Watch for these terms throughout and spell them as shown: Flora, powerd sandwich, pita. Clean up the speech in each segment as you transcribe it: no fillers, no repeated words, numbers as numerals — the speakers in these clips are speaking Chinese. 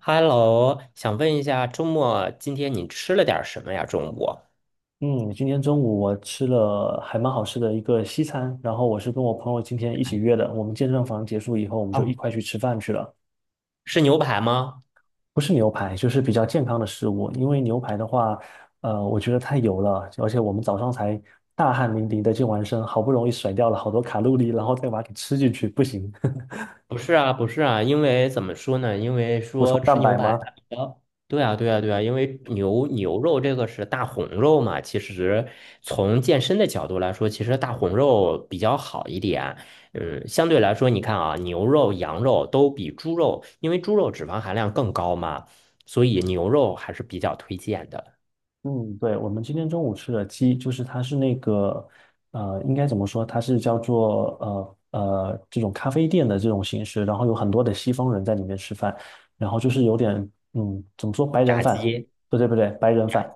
Hello，想问一下，周末今天你吃了点儿什么呀？中午嗯，今天中午我吃了还蛮好吃的一个西餐，然后我是跟我朋友今天一起约的，我们健身房结束以后，我们就一哦，块去吃饭去了。是牛排吗？不是牛排，就是比较健康的食物，因为牛排的话，我觉得太油了，而且我们早上才大汗淋漓的健完身，好不容易甩掉了好多卡路里，然后再把它给吃进去，不行。不是啊，不是啊，因为怎么说呢？因为 补充说吃蛋牛白排吗？它比较，对啊，对啊，对啊，因为牛肉这个是大红肉嘛，其实从健身的角度来说，其实大红肉比较好一点。嗯，相对来说，你看啊，牛肉、羊肉都比猪肉，因为猪肉脂肪含量更高嘛，所以牛肉还是比较推荐的。嗯，对，我们今天中午吃的鸡，就是它是那个，应该怎么说？它是叫做这种咖啡店的这种形式，然后有很多的西方人在里面吃饭，然后就是有点，怎么说白人炸饭？鸡。不对不对，白人饭，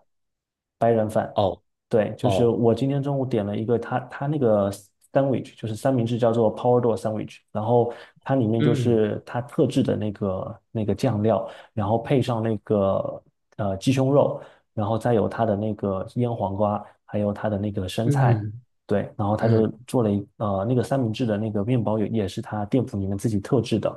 白人饭。哦，对，就是哦，我今天中午点了一个它那个 sandwich，就是三明治叫做 Powerdo sandwich，然后它里面就嗯是它特制的那个酱料，然后配上那个鸡胸肉。然后再有它的那个腌黄瓜，还有它的那个生菜，嗯对，然后他就嗯做了那个三明治的那个面包也是他店铺里面自己特制的，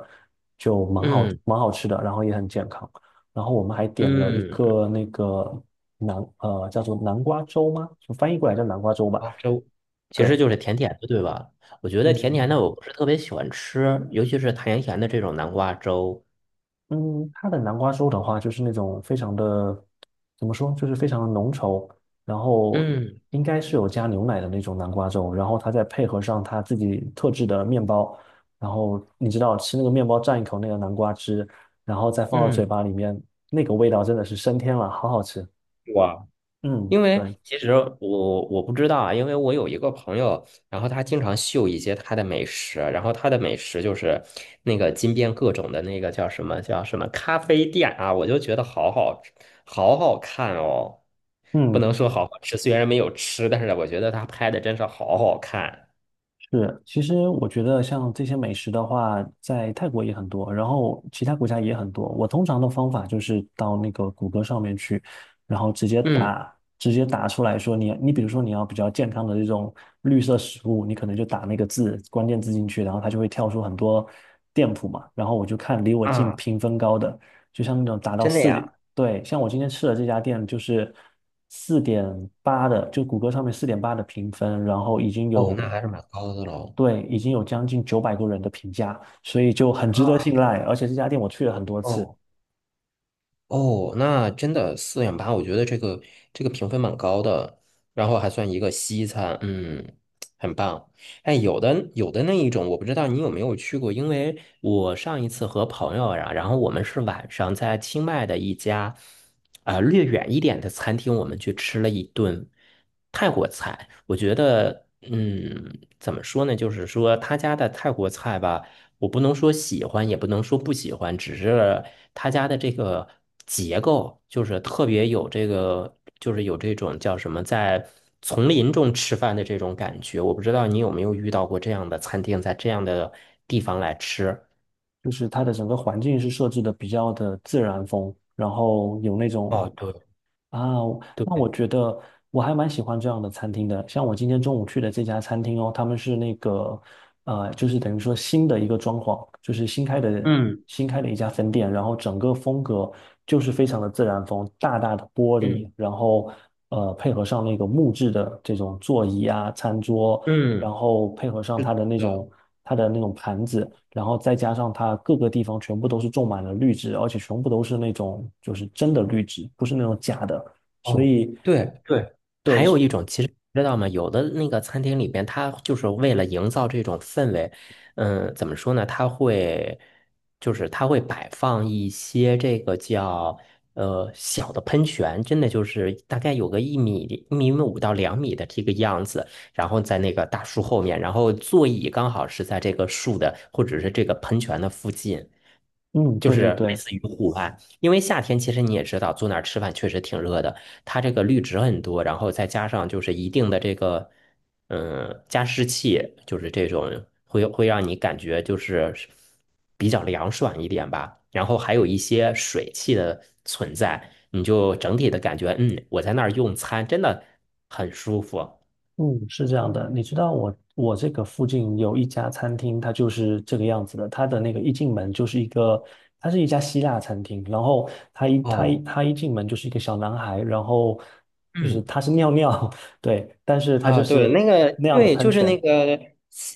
就蛮好嗯蛮好吃的，然后也很健康。然后我们还点了一嗯，个那个叫做南瓜粥吗？就翻译过来叫南瓜粥吧。花粥其实对，就是甜甜的，对吧？我觉得甜甜的嗯，我不是特别喜欢吃，尤其是甜甜的这种南瓜粥。嗯，它的南瓜粥的话，就是那种非常的，怎么说，就是非常的浓稠，然后嗯应该是有加牛奶的那种南瓜粥，然后它再配合上它自己特制的面包，然后你知道吃那个面包蘸一口那个南瓜汁，然后再放到嗯，嘴巴里面，那个味道真的是升天了，好好吃。哇。嗯，因对，为其实我不知道啊，因为我有一个朋友，然后他经常秀一些他的美食，然后他的美食就是那个金边各种的那个叫什么叫什么咖啡店啊，我就觉得好好吃好好看哦，不嗯，能说好好吃，虽然没有吃，但是我觉得他拍的真是好好看。是，其实我觉得像这些美食的话，在泰国也很多，然后其他国家也很多。我通常的方法就是到那个谷歌上面去，然后直接嗯打，直接打出来说你比如说你要比较健康的这种绿色食物，你可能就打那个关键字进去，然后它就会跳出很多店铺嘛。然后我就看离我近啊，评分高的，就像那种达到真的四。呀，对，像我今天吃的这家店就是四点八的，就谷歌上面四点八的评分，然后已经哦，那有，还是蛮高的喽。对，已经有将近900多人的评价，所以就很值得啊，信赖。而且这家店我去了很多次，哦。哦，那真的4.8，我觉得这个评分蛮高的，然后还算一个西餐，嗯，很棒。哎，有的那一种，我不知道你有没有去过，因为我上一次和朋友呀、然后我们是晚上在清迈的一家，略远一点的餐厅，我们去吃了一顿泰国菜。我觉得，嗯，怎么说呢？就是说他家的泰国菜吧。我不能说喜欢，也不能说不喜欢，只是他家的这个结构就是特别有这个，就是有这种叫什么，在丛林中吃饭的这种感觉。我不知道你有没有遇到过这样的餐厅，在这样的地方来吃。就是它的整个环境是设置的比较的自然风，然后有那种。哦，对啊，那我对，觉得我还蛮喜欢这样的餐厅的。像我今天中午去的这家餐厅哦，他们是那个，就是等于说新的一个装潢，就是新开的嗯新开的一家分店，然后整个风格就是非常的自然风，大大的玻嗯璃，然后配合上那个木质的这种座椅啊、餐桌，嗯，然后配合上是它的那的，种它的那种盘子，然后再加上它各个地方全部都是种满了绿植，而且全部都是那种就是真的绿植，不是那种假的，所哦，以对对。对，知道吗？有的那个餐厅里边，它就是为了营造这种氛围，嗯，怎么说呢？它会，就是它会摆放一些这个叫小的喷泉，真的就是大概有个一米、1米5到2米的这个样子，然后在那个大树后面，然后座椅刚好是在这个树的或者是这个喷泉的附近，嗯，就对对是类对，似于户外。因为夏天其实你也知道，坐那儿吃饭确实挺热的。它这个绿植很多，然后再加上就是一定的这个，嗯，加湿器，就是这种会让你感觉就是比较凉爽一点吧。然后还有一些水汽的存在，你就整体的感觉，嗯，我在那儿用餐真的很舒服。嗯，是这样的。你知道我这个附近有一家餐厅，它就是这个样子的，它的那个一进门就是一个，它是一家希腊餐厅，然后它一它一哦。它一进门就是一个小男孩，然后就是嗯，他是尿尿，对，但是他就啊，对，是那个，那样的对，喷就是泉，那个，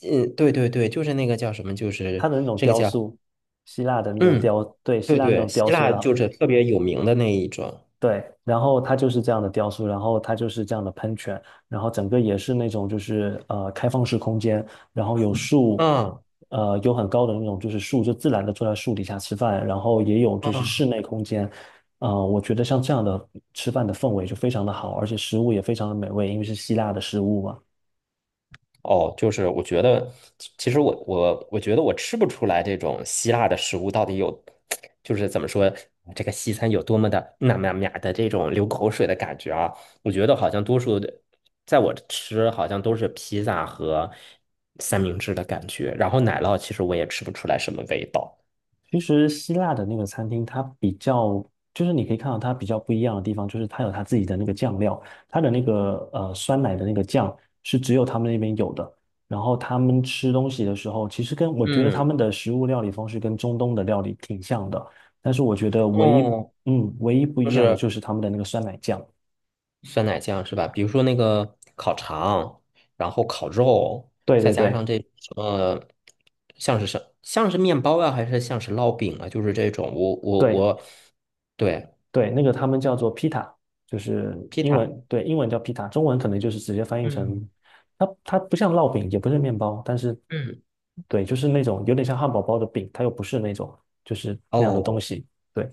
嗯，对对对，就是那个叫什么，就他是的那种这个雕叫，塑，希腊的那种嗯，对，希对腊那对，种雕希塑，腊然就后是特别有名的那一种，对，然后它就是这样的雕塑，然后它就是这样的喷泉，然后整个也是那种就是开放式空间，然后有树，嗯有很高的那种就是树，就自然的坐在树底下吃饭，然后也有就是室嗯，内空间，我觉得像这样的吃饭的氛围就非常的好，而且食物也非常的美味，因为是希腊的食物嘛。哦，就是我觉得，其实我觉得我吃不出来这种希腊的食物到底有，就是怎么说，这个西餐有多么的那么呀的这种流口水的感觉啊！我觉得好像多数的，在我吃好像都是披萨和三明治的感觉，然后奶酪其实我也吃不出来什么味道。其实希腊的那个餐厅，它比较就是你可以看到它比较不一样的地方，就是它有它自己的那个酱料，它的那个酸奶的那个酱是只有他们那边有的。然后他们吃东西的时候，其实跟我觉得他嗯，们的食物料理方式跟中东的料理挺像的，但是我觉得唯一嗯，嗯唯一不就一样的是就是他们的那个酸奶酱。酸奶酱是吧？比如说那个烤肠，然后烤肉，对再对加上对这什么，像是面包啊，还是像是烙饼啊？就是这种，我我对。我，对对，那个他们叫做 pita,就是披英萨。文，对，英文叫 pita,中文可能就是直接翻译嗯成，它不像烙饼，也不是面包，但是嗯，对，就是那种有点像汉堡包的饼，它又不是那种就是那样的东哦西。对，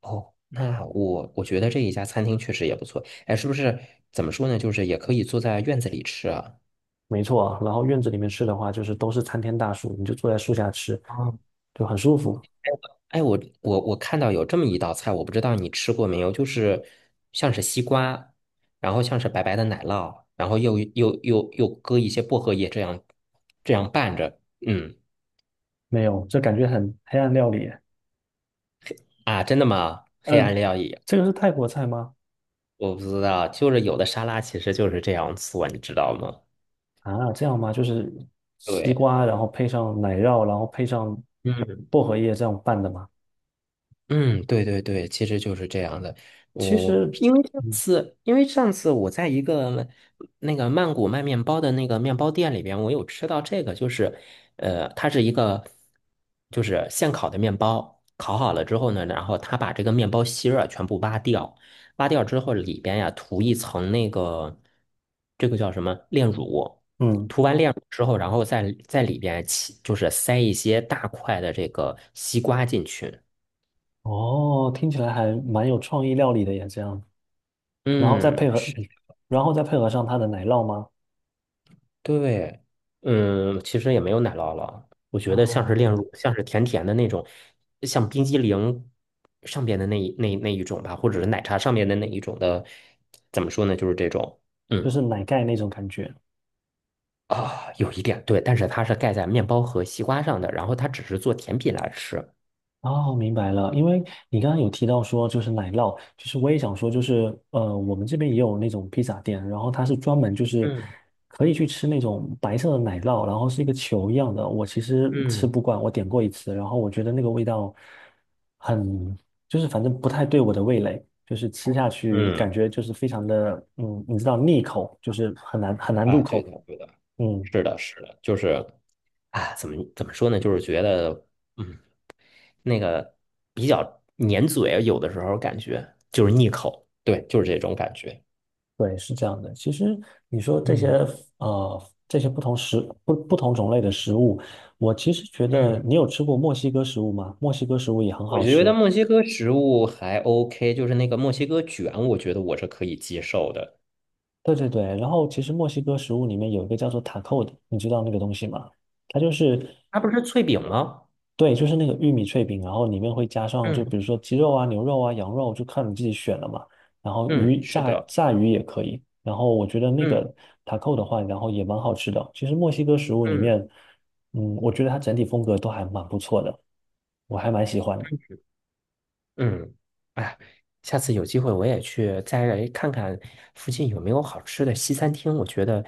哦，那我觉得这一家餐厅确实也不错。哎，是不是怎么说呢？就是也可以坐在院子里吃啊。没错啊。然后院子里面吃的话，就是都是参天大树，你就坐在树下吃，就很舒服。哎，我看到有这么一道菜，我不知道你吃过没有，就是像是西瓜，然后像是白白的奶酪，然后又搁一些薄荷叶，这样拌着。嗯没有，这感觉很黑暗料理耶。啊，真的吗？黑暗嗯，料理这个是泰国菜吗？我不知道，就是有的沙拉其实就是这样做，你知道吗？啊，这样吗？就是西对，瓜，然后配上奶酪，然后配上嗯。薄荷叶这样拌的吗？嗯，对对对，其实就是这样的。其我实，因为上嗯次，因为上次我在一个那个曼谷卖面包的那个面包店里边，我有吃到这个，就是它是一个就是现烤的面包，烤好了之后呢，然后他把这个面包芯儿啊全部挖掉，挖掉之后里边呀涂一层那个这个叫什么炼乳，嗯，涂完炼乳之后，然后再在里边起就是塞一些大块的这个西瓜进去。哦，听起来还蛮有创意料理的耶，这样，然后再配嗯，合，是然后再配合上它的奶酪吗？对，嗯，其实也没有奶酪了，我觉得像是炼哦，乳，像是甜甜的那种，像冰激凌上边的那一种吧，或者是奶茶上面的那一种的，怎么说呢，就是这种，就嗯是奶盖那种感觉。啊，有一点对，但是它是盖在面包和西瓜上的，然后它只是做甜品来吃，哦，明白了。因为你刚刚有提到说，就是奶酪，就是我也想说，就是我们这边也有那种披萨店，然后它是专门就是嗯可以去吃那种白色的奶酪，然后是一个球一样的。我其实吃嗯不惯，我点过一次，然后我觉得那个味道很，就是反正不太对我的味蕾，就是吃下去感嗯，觉就是非常的，你知道腻口，就是很难很难啊，入对口。的对的，嗯，是的是的，就是啊，怎么说呢，就是觉得。嗯。那个比较粘嘴，有的时候感觉就是腻口，对，就是这种感觉。对，是这样的。其实你说这些嗯呃这些不同种类的食物，我其实觉得嗯，你有吃过墨西哥食物吗？墨西哥食物也很我好觉得吃。墨西哥食物还 OK，就是那个墨西哥卷，我觉得我是可以接受的。对对对，然后其实墨西哥食物里面有一个叫做塔扣的，你知道那个东西吗？它就是，它不是脆饼吗？对，就是那个玉米脆饼，然后里面会加上就嗯比如说鸡肉啊、牛肉啊、羊肉，就看你自己选了嘛。然后嗯，鱼是炸的，炸鱼也可以。然后我觉得那嗯个塔扣的话，然后也蛮好吃的。其实墨西哥食物里面，嗯。我觉得它整体风格都还蛮不错的，我还蛮喜欢的。嗯，哎呀下次有机会我也去再来看看附近有没有好吃的西餐厅。我觉得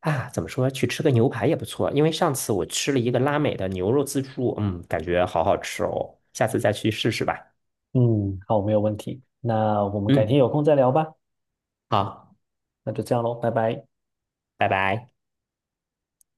啊，怎么说，去吃个牛排也不错。因为上次我吃了一个拉美的牛肉自助，嗯，感觉好好吃哦。下次再去试试吧。嗯，好，没有问题。那我们改天嗯，有空再聊吧。好，那就这样喽，拜拜。拜拜。